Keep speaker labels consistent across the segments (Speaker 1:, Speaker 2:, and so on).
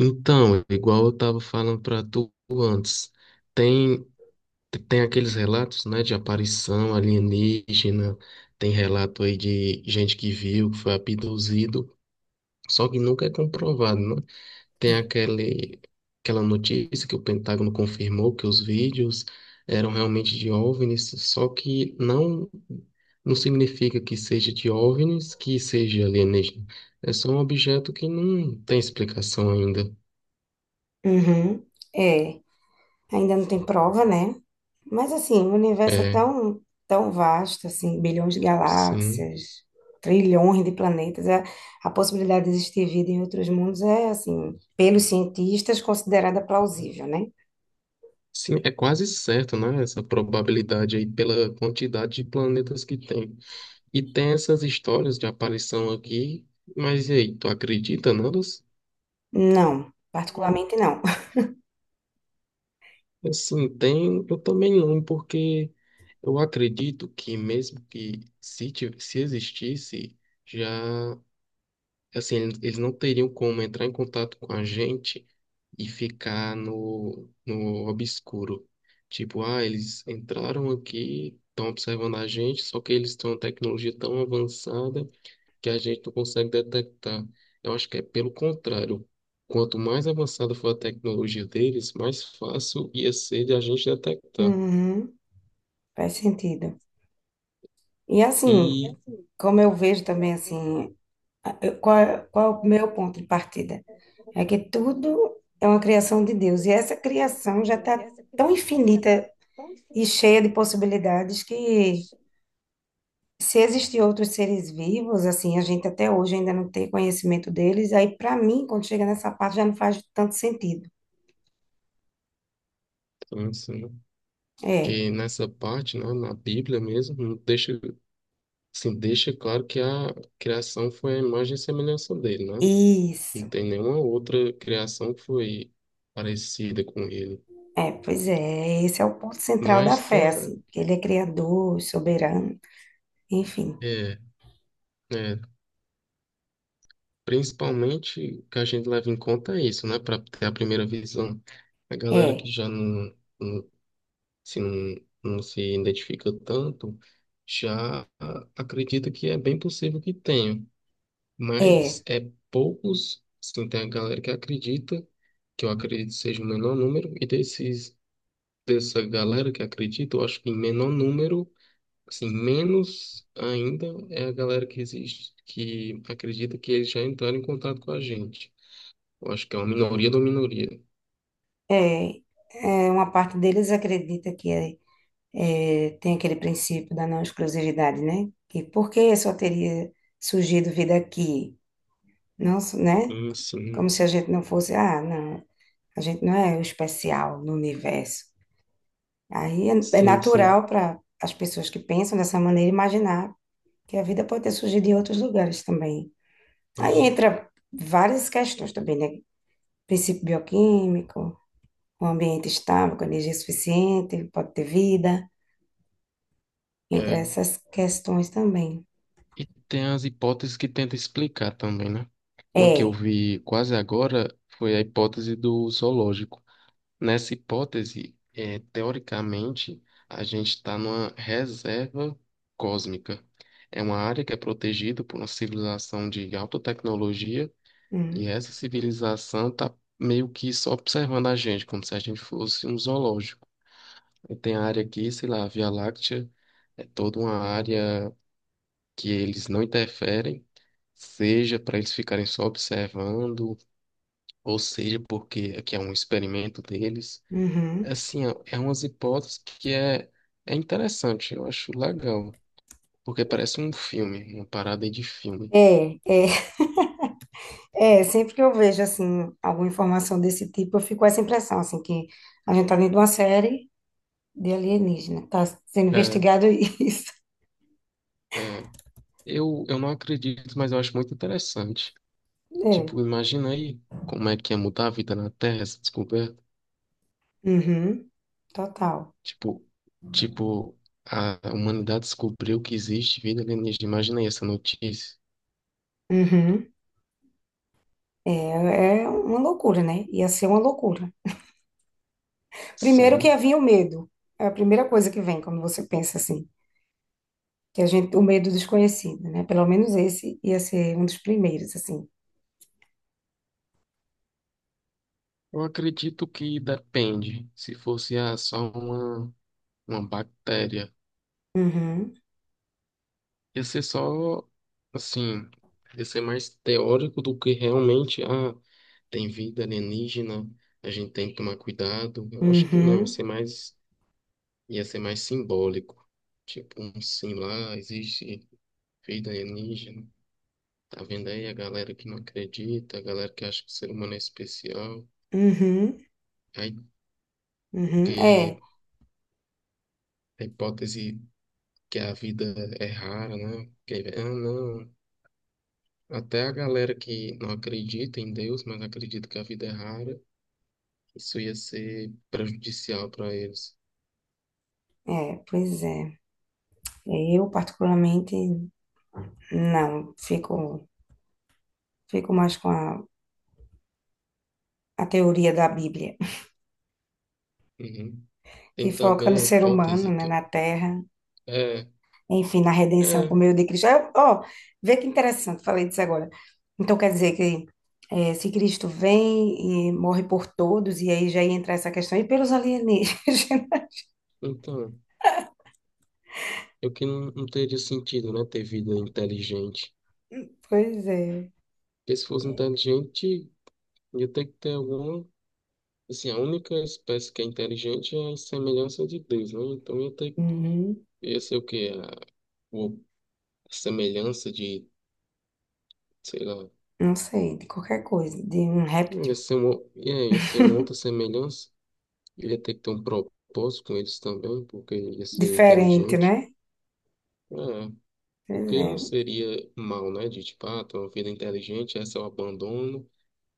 Speaker 1: Então, igual eu estava falando para tu antes, tem, tem aqueles relatos, né, de aparição alienígena, tem relato aí de gente que viu, que foi abduzido, só que nunca é comprovado, né? Tem
Speaker 2: É.
Speaker 1: aquele, aquela notícia que o Pentágono confirmou que os vídeos eram realmente de OVNIs, só que não, não significa que seja de OVNIs, que seja alienígena. É só um objeto que não tem explicação ainda.
Speaker 2: Uhum, é, ainda não tem prova, né? Mas assim, o universo é
Speaker 1: É.
Speaker 2: tão, tão vasto, assim, bilhões de
Speaker 1: Sim.
Speaker 2: galáxias, trilhões de planetas. A possibilidade de existir vida em outros mundos é, assim, pelos cientistas, considerada plausível, né?
Speaker 1: Sim, é quase certo, né? Essa probabilidade aí pela quantidade de planetas que tem. E tem essas histórias de aparição aqui, mas e aí, tu acredita nelas?
Speaker 2: Não, particularmente não.
Speaker 1: Assim, tem, eu também não, porque eu acredito que mesmo que se, ti- se existisse, já. Assim, eles não teriam como entrar em contato com a gente e ficar no obscuro. Tipo, ah, eles entraram aqui, estão observando a gente, só que eles têm uma tecnologia tão avançada que a gente não consegue detectar. Eu acho que é pelo contrário. Quanto mais avançada for a tecnologia deles, mais fácil ia ser de a gente detectar.
Speaker 2: Uhum, faz sentido. E assim,
Speaker 1: E,
Speaker 2: como eu vejo também, assim, qual é o meu ponto de partida? É que tudo é uma criação de Deus. E essa criação já está tão infinita e cheia de possibilidades que, se existir outros seres vivos, assim, a gente até hoje ainda não tem conhecimento deles. Aí, para mim, quando chega nessa parte, já não faz tanto sentido.
Speaker 1: então, assim,
Speaker 2: É,
Speaker 1: que nessa parte, né, na Bíblia mesmo, não deixa. Sim, deixa claro que a criação foi a imagem e semelhança dele, né?
Speaker 2: isso.
Speaker 1: Não tem nenhuma outra criação que foi parecida com ele.
Speaker 2: É, pois é. Esse é o ponto central da
Speaker 1: Mas tem,
Speaker 2: fé,
Speaker 1: a-
Speaker 2: assim. Que Ele é criador, soberano, enfim.
Speaker 1: é, é, principalmente o que a gente leva em conta é isso, né? Para ter a primeira visão. A galera
Speaker 2: É,
Speaker 1: que já não, não, se, não, não se identifica tanto, já acredita que é bem possível que tenha.
Speaker 2: é,
Speaker 1: Mas é poucos, assim, tem a galera que acredita, que eu acredito seja o menor número, e dessa galera que acredita, eu acho que em menor número, assim, menos ainda é a galera que existe, que acredita que eles já entraram em contato com a gente. Eu acho que é uma minoria da minoria.
Speaker 2: é. É, uma parte deles acredita que é. É, tem aquele princípio da não exclusividade, né? Que por que só teria surgido vida aqui? Não, né? Como
Speaker 1: Sim,
Speaker 2: se a gente não fosse, ah, não, a gente não é o especial no universo. Aí é
Speaker 1: sim, sim.
Speaker 2: natural para as pessoas que pensam dessa maneira imaginar que a vida pode ter surgido em outros lugares também. Aí
Speaker 1: Aham.
Speaker 2: entra várias questões também, né? Princípio bioquímico, um ambiente estável, com energia suficiente, pode ter vida, entre
Speaker 1: É.
Speaker 2: essas questões também.
Speaker 1: E tem as hipóteses que tenta explicar também, né? Uma que eu
Speaker 2: É.
Speaker 1: vi quase agora foi a hipótese do zoológico. Nessa hipótese, teoricamente, a gente está numa reserva cósmica. É uma área que é protegida por uma civilização de alta tecnologia e
Speaker 2: Uhum.
Speaker 1: essa civilização está meio que só observando a gente, como se a gente fosse um zoológico. E tem a área aqui, sei lá, a Via Láctea, é toda uma área que eles não interferem, seja para eles ficarem só observando, ou seja porque aqui é um experimento deles.
Speaker 2: Uhum.
Speaker 1: Assim, ó, é umas é interessante, eu acho legal, porque parece um filme, uma parada aí de filme.
Speaker 2: É, é, é, sempre que eu vejo, assim, alguma informação desse tipo, eu fico com essa impressão, assim, que a gente tá dentro de uma série de alienígena, tá sendo
Speaker 1: É,
Speaker 2: investigado isso.
Speaker 1: é. Eu não acredito, mas eu acho muito interessante.
Speaker 2: É,
Speaker 1: Tipo, imagina aí como é que ia mudar a vida na Terra, essa descoberta.
Speaker 2: uhum, total.
Speaker 1: Tipo, tipo, a humanidade descobriu que existe vida alienígena. Imagina aí essa notícia.
Speaker 2: Uhum. É uma loucura, né? Ia ser uma loucura. Primeiro que
Speaker 1: Sim.
Speaker 2: havia o medo. É a primeira coisa que vem quando você pensa assim, que a gente, o medo desconhecido, né? Pelo menos esse ia ser um dos primeiros, assim.
Speaker 1: Eu acredito que depende. Se fosse ah, uma bactéria.
Speaker 2: Uhum,
Speaker 1: Ia ser só, assim, ia ser mais teórico do que realmente, ah, tem vida alienígena, a gente tem que tomar cuidado. Eu acho que não,
Speaker 2: uhum,
Speaker 1: ia ser mais simbólico. Tipo, um sim lá, existe vida alienígena. Tá vendo aí a galera que não acredita, a galera que acha que o ser humano é especial.
Speaker 2: uhum,
Speaker 1: Aí,
Speaker 2: uhum.
Speaker 1: porque
Speaker 2: É,
Speaker 1: a hipótese que a vida é rara, né? Que, ah, não. Até a galera que não acredita em Deus, mas acredita que a vida é rara, isso ia ser prejudicial para eles.
Speaker 2: é, pois é. É, eu, particularmente, não. Fico mais com a teoria da Bíblia,
Speaker 1: Uhum.
Speaker 2: que
Speaker 1: Tem
Speaker 2: foca
Speaker 1: também
Speaker 2: no
Speaker 1: a
Speaker 2: ser humano,
Speaker 1: hipótese
Speaker 2: né,
Speaker 1: que
Speaker 2: na
Speaker 1: eu...
Speaker 2: terra,
Speaker 1: É,
Speaker 2: enfim, na redenção por
Speaker 1: é,
Speaker 2: meio de Cristo. Ah, ó, vê que interessante, falei disso agora. Então, quer dizer que se Cristo vem e morre por todos, e aí já ia entrar essa questão, e pelos alienígenas?
Speaker 1: então, eu que não teria sentido, né, ter vida inteligente.
Speaker 2: Pois é.
Speaker 1: Porque se fosse
Speaker 2: É,
Speaker 1: inteligente, ia ter que ter alguma... Assim, a única espécie que é inteligente é a semelhança de Deus, né? Então ia ter...
Speaker 2: uhum.
Speaker 1: ia ser o quê? A- o semelhança de, sei lá,
Speaker 2: Não sei, de qualquer coisa, de um réptil.
Speaker 1: ia ser uma outra semelhança. Ele ia ter que ter um propósito com eles também, porque ele ia ser
Speaker 2: Diferente,
Speaker 1: inteligente.
Speaker 2: né?
Speaker 1: É, porque
Speaker 2: Pois
Speaker 1: ele
Speaker 2: é.
Speaker 1: não seria mal, né? De tipo, ah, tem uma vida inteligente, essa eu abandono,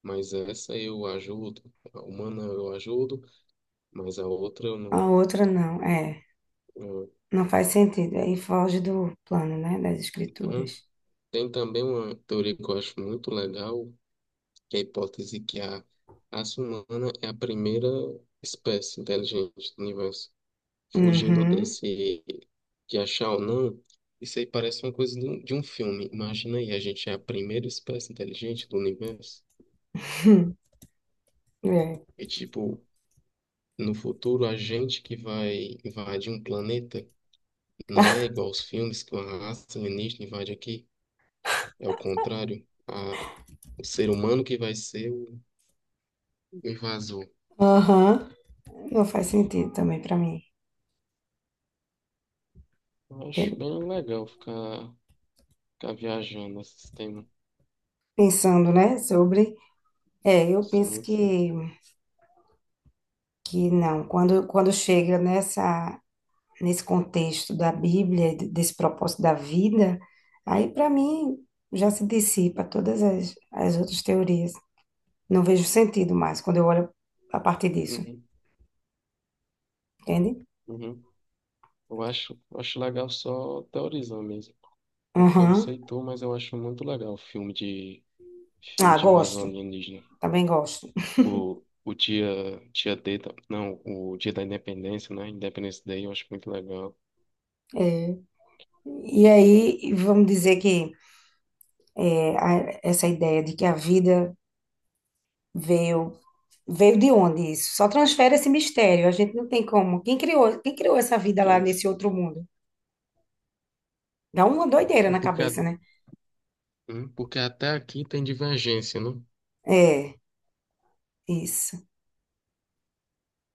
Speaker 1: mas essa eu ajudo. A humana eu ajudo, mas a outra eu
Speaker 2: A
Speaker 1: não.
Speaker 2: outra não, é.
Speaker 1: eu-
Speaker 2: Não faz sentido. Aí foge do plano, né? Das
Speaker 1: Uhum.
Speaker 2: escrituras.
Speaker 1: Tem também uma teoria que eu acho muito legal, que é a hipótese que a raça humana é a primeira espécie inteligente do universo. Fugindo
Speaker 2: Uhum.
Speaker 1: desse de achar ou não, isso aí parece uma coisa de um filme. Imagina aí, a gente é a primeira espécie inteligente do universo
Speaker 2: É.
Speaker 1: e tipo, no futuro a gente que vai invadir um planeta, não é igual aos filmes que uma raça alienígena invade aqui, é o contrário. A, o ser humano que vai ser o invasor.
Speaker 2: Aham. Não faz sentido também para mim.
Speaker 1: Eu Acho
Speaker 2: Tem-
Speaker 1: bem legal ficar viajando nesse tema.
Speaker 2: Pensando, né? Sobre. É, eu penso
Speaker 1: Sim, sim.
Speaker 2: que, não. Quando chega nesse contexto da Bíblia, desse propósito da vida, aí para mim já se dissipa todas as outras teorias. Não vejo sentido mais quando eu olho a partir disso,
Speaker 1: Uhum,
Speaker 2: entende?
Speaker 1: uhum. Eu acho legal só teorizar mesmo. Porque eu não
Speaker 2: Aham.
Speaker 1: sei tu, mas eu acho muito legal o filme
Speaker 2: Ah,
Speaker 1: de invasão
Speaker 2: gosto.
Speaker 1: alienígena.
Speaker 2: Também gosto.
Speaker 1: O dia D, da- não, o dia da Independência, né? Independence Day, eu acho muito legal.
Speaker 2: É, e aí, vamos dizer que essa ideia de que a vida veio, veio de onde isso? Só transfere esse mistério, a gente não tem como. Quem criou essa vida lá nesse outro mundo? Dá uma doideira
Speaker 1: Sim,
Speaker 2: na
Speaker 1: porque, a-
Speaker 2: cabeça, né?
Speaker 1: porque até aqui tem divergência, né?
Speaker 2: É, isso,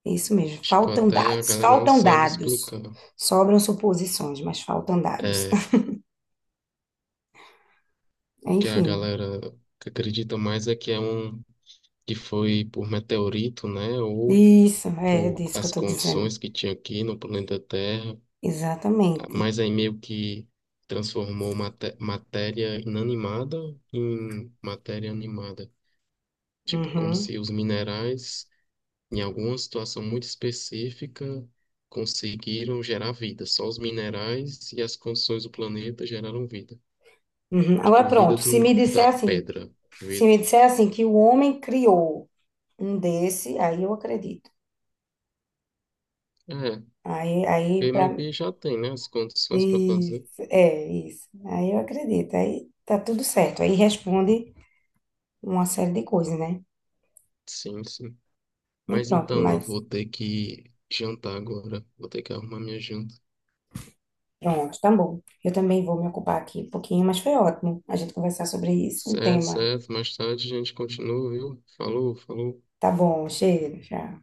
Speaker 2: isso mesmo.
Speaker 1: Tipo,
Speaker 2: Faltam
Speaker 1: até a
Speaker 2: dados,
Speaker 1: galera não
Speaker 2: faltam
Speaker 1: sabe
Speaker 2: dados.
Speaker 1: explicar.
Speaker 2: Sobram suposições, mas faltam dados.
Speaker 1: É, o que a
Speaker 2: Enfim,
Speaker 1: galera que acredita mais é que é um que foi por meteorito, né? Ou
Speaker 2: isso, é
Speaker 1: por
Speaker 2: disso que eu
Speaker 1: as
Speaker 2: estou dizendo.
Speaker 1: condições que tinha aqui no planeta Terra.
Speaker 2: Exatamente.
Speaker 1: Mas aí meio que transformou matéria inanimada em matéria animada. Tipo, como
Speaker 2: Uhum,
Speaker 1: se os minerais, em alguma situação muito específica, conseguiram gerar vida. Só os minerais e as condições do planeta geraram vida.
Speaker 2: uhum. Agora
Speaker 1: Tipo, vida
Speaker 2: pronto.
Speaker 1: da pedra.
Speaker 2: Se
Speaker 1: Vi-
Speaker 2: me disser assim que o homem criou um desse, aí eu acredito.
Speaker 1: é,
Speaker 2: Aí
Speaker 1: e
Speaker 2: para
Speaker 1: meio que já tem, né, as condições para fazer.
Speaker 2: isso, é isso. Aí eu acredito. Aí tá tudo certo. Aí responde uma série de coisas, né?
Speaker 1: Sim, sim.
Speaker 2: E
Speaker 1: Mas
Speaker 2: pronto,
Speaker 1: então, eu
Speaker 2: mas
Speaker 1: vou ter que jantar agora. Vou ter que arrumar minha janta.
Speaker 2: pronto, tá bom. Eu também vou me ocupar aqui um pouquinho, mas foi ótimo a gente conversar sobre isso, um
Speaker 1: Certo,
Speaker 2: tema.
Speaker 1: certo. Mais tarde a gente continua, viu? Falou, falou.
Speaker 2: Tá bom, chega, já.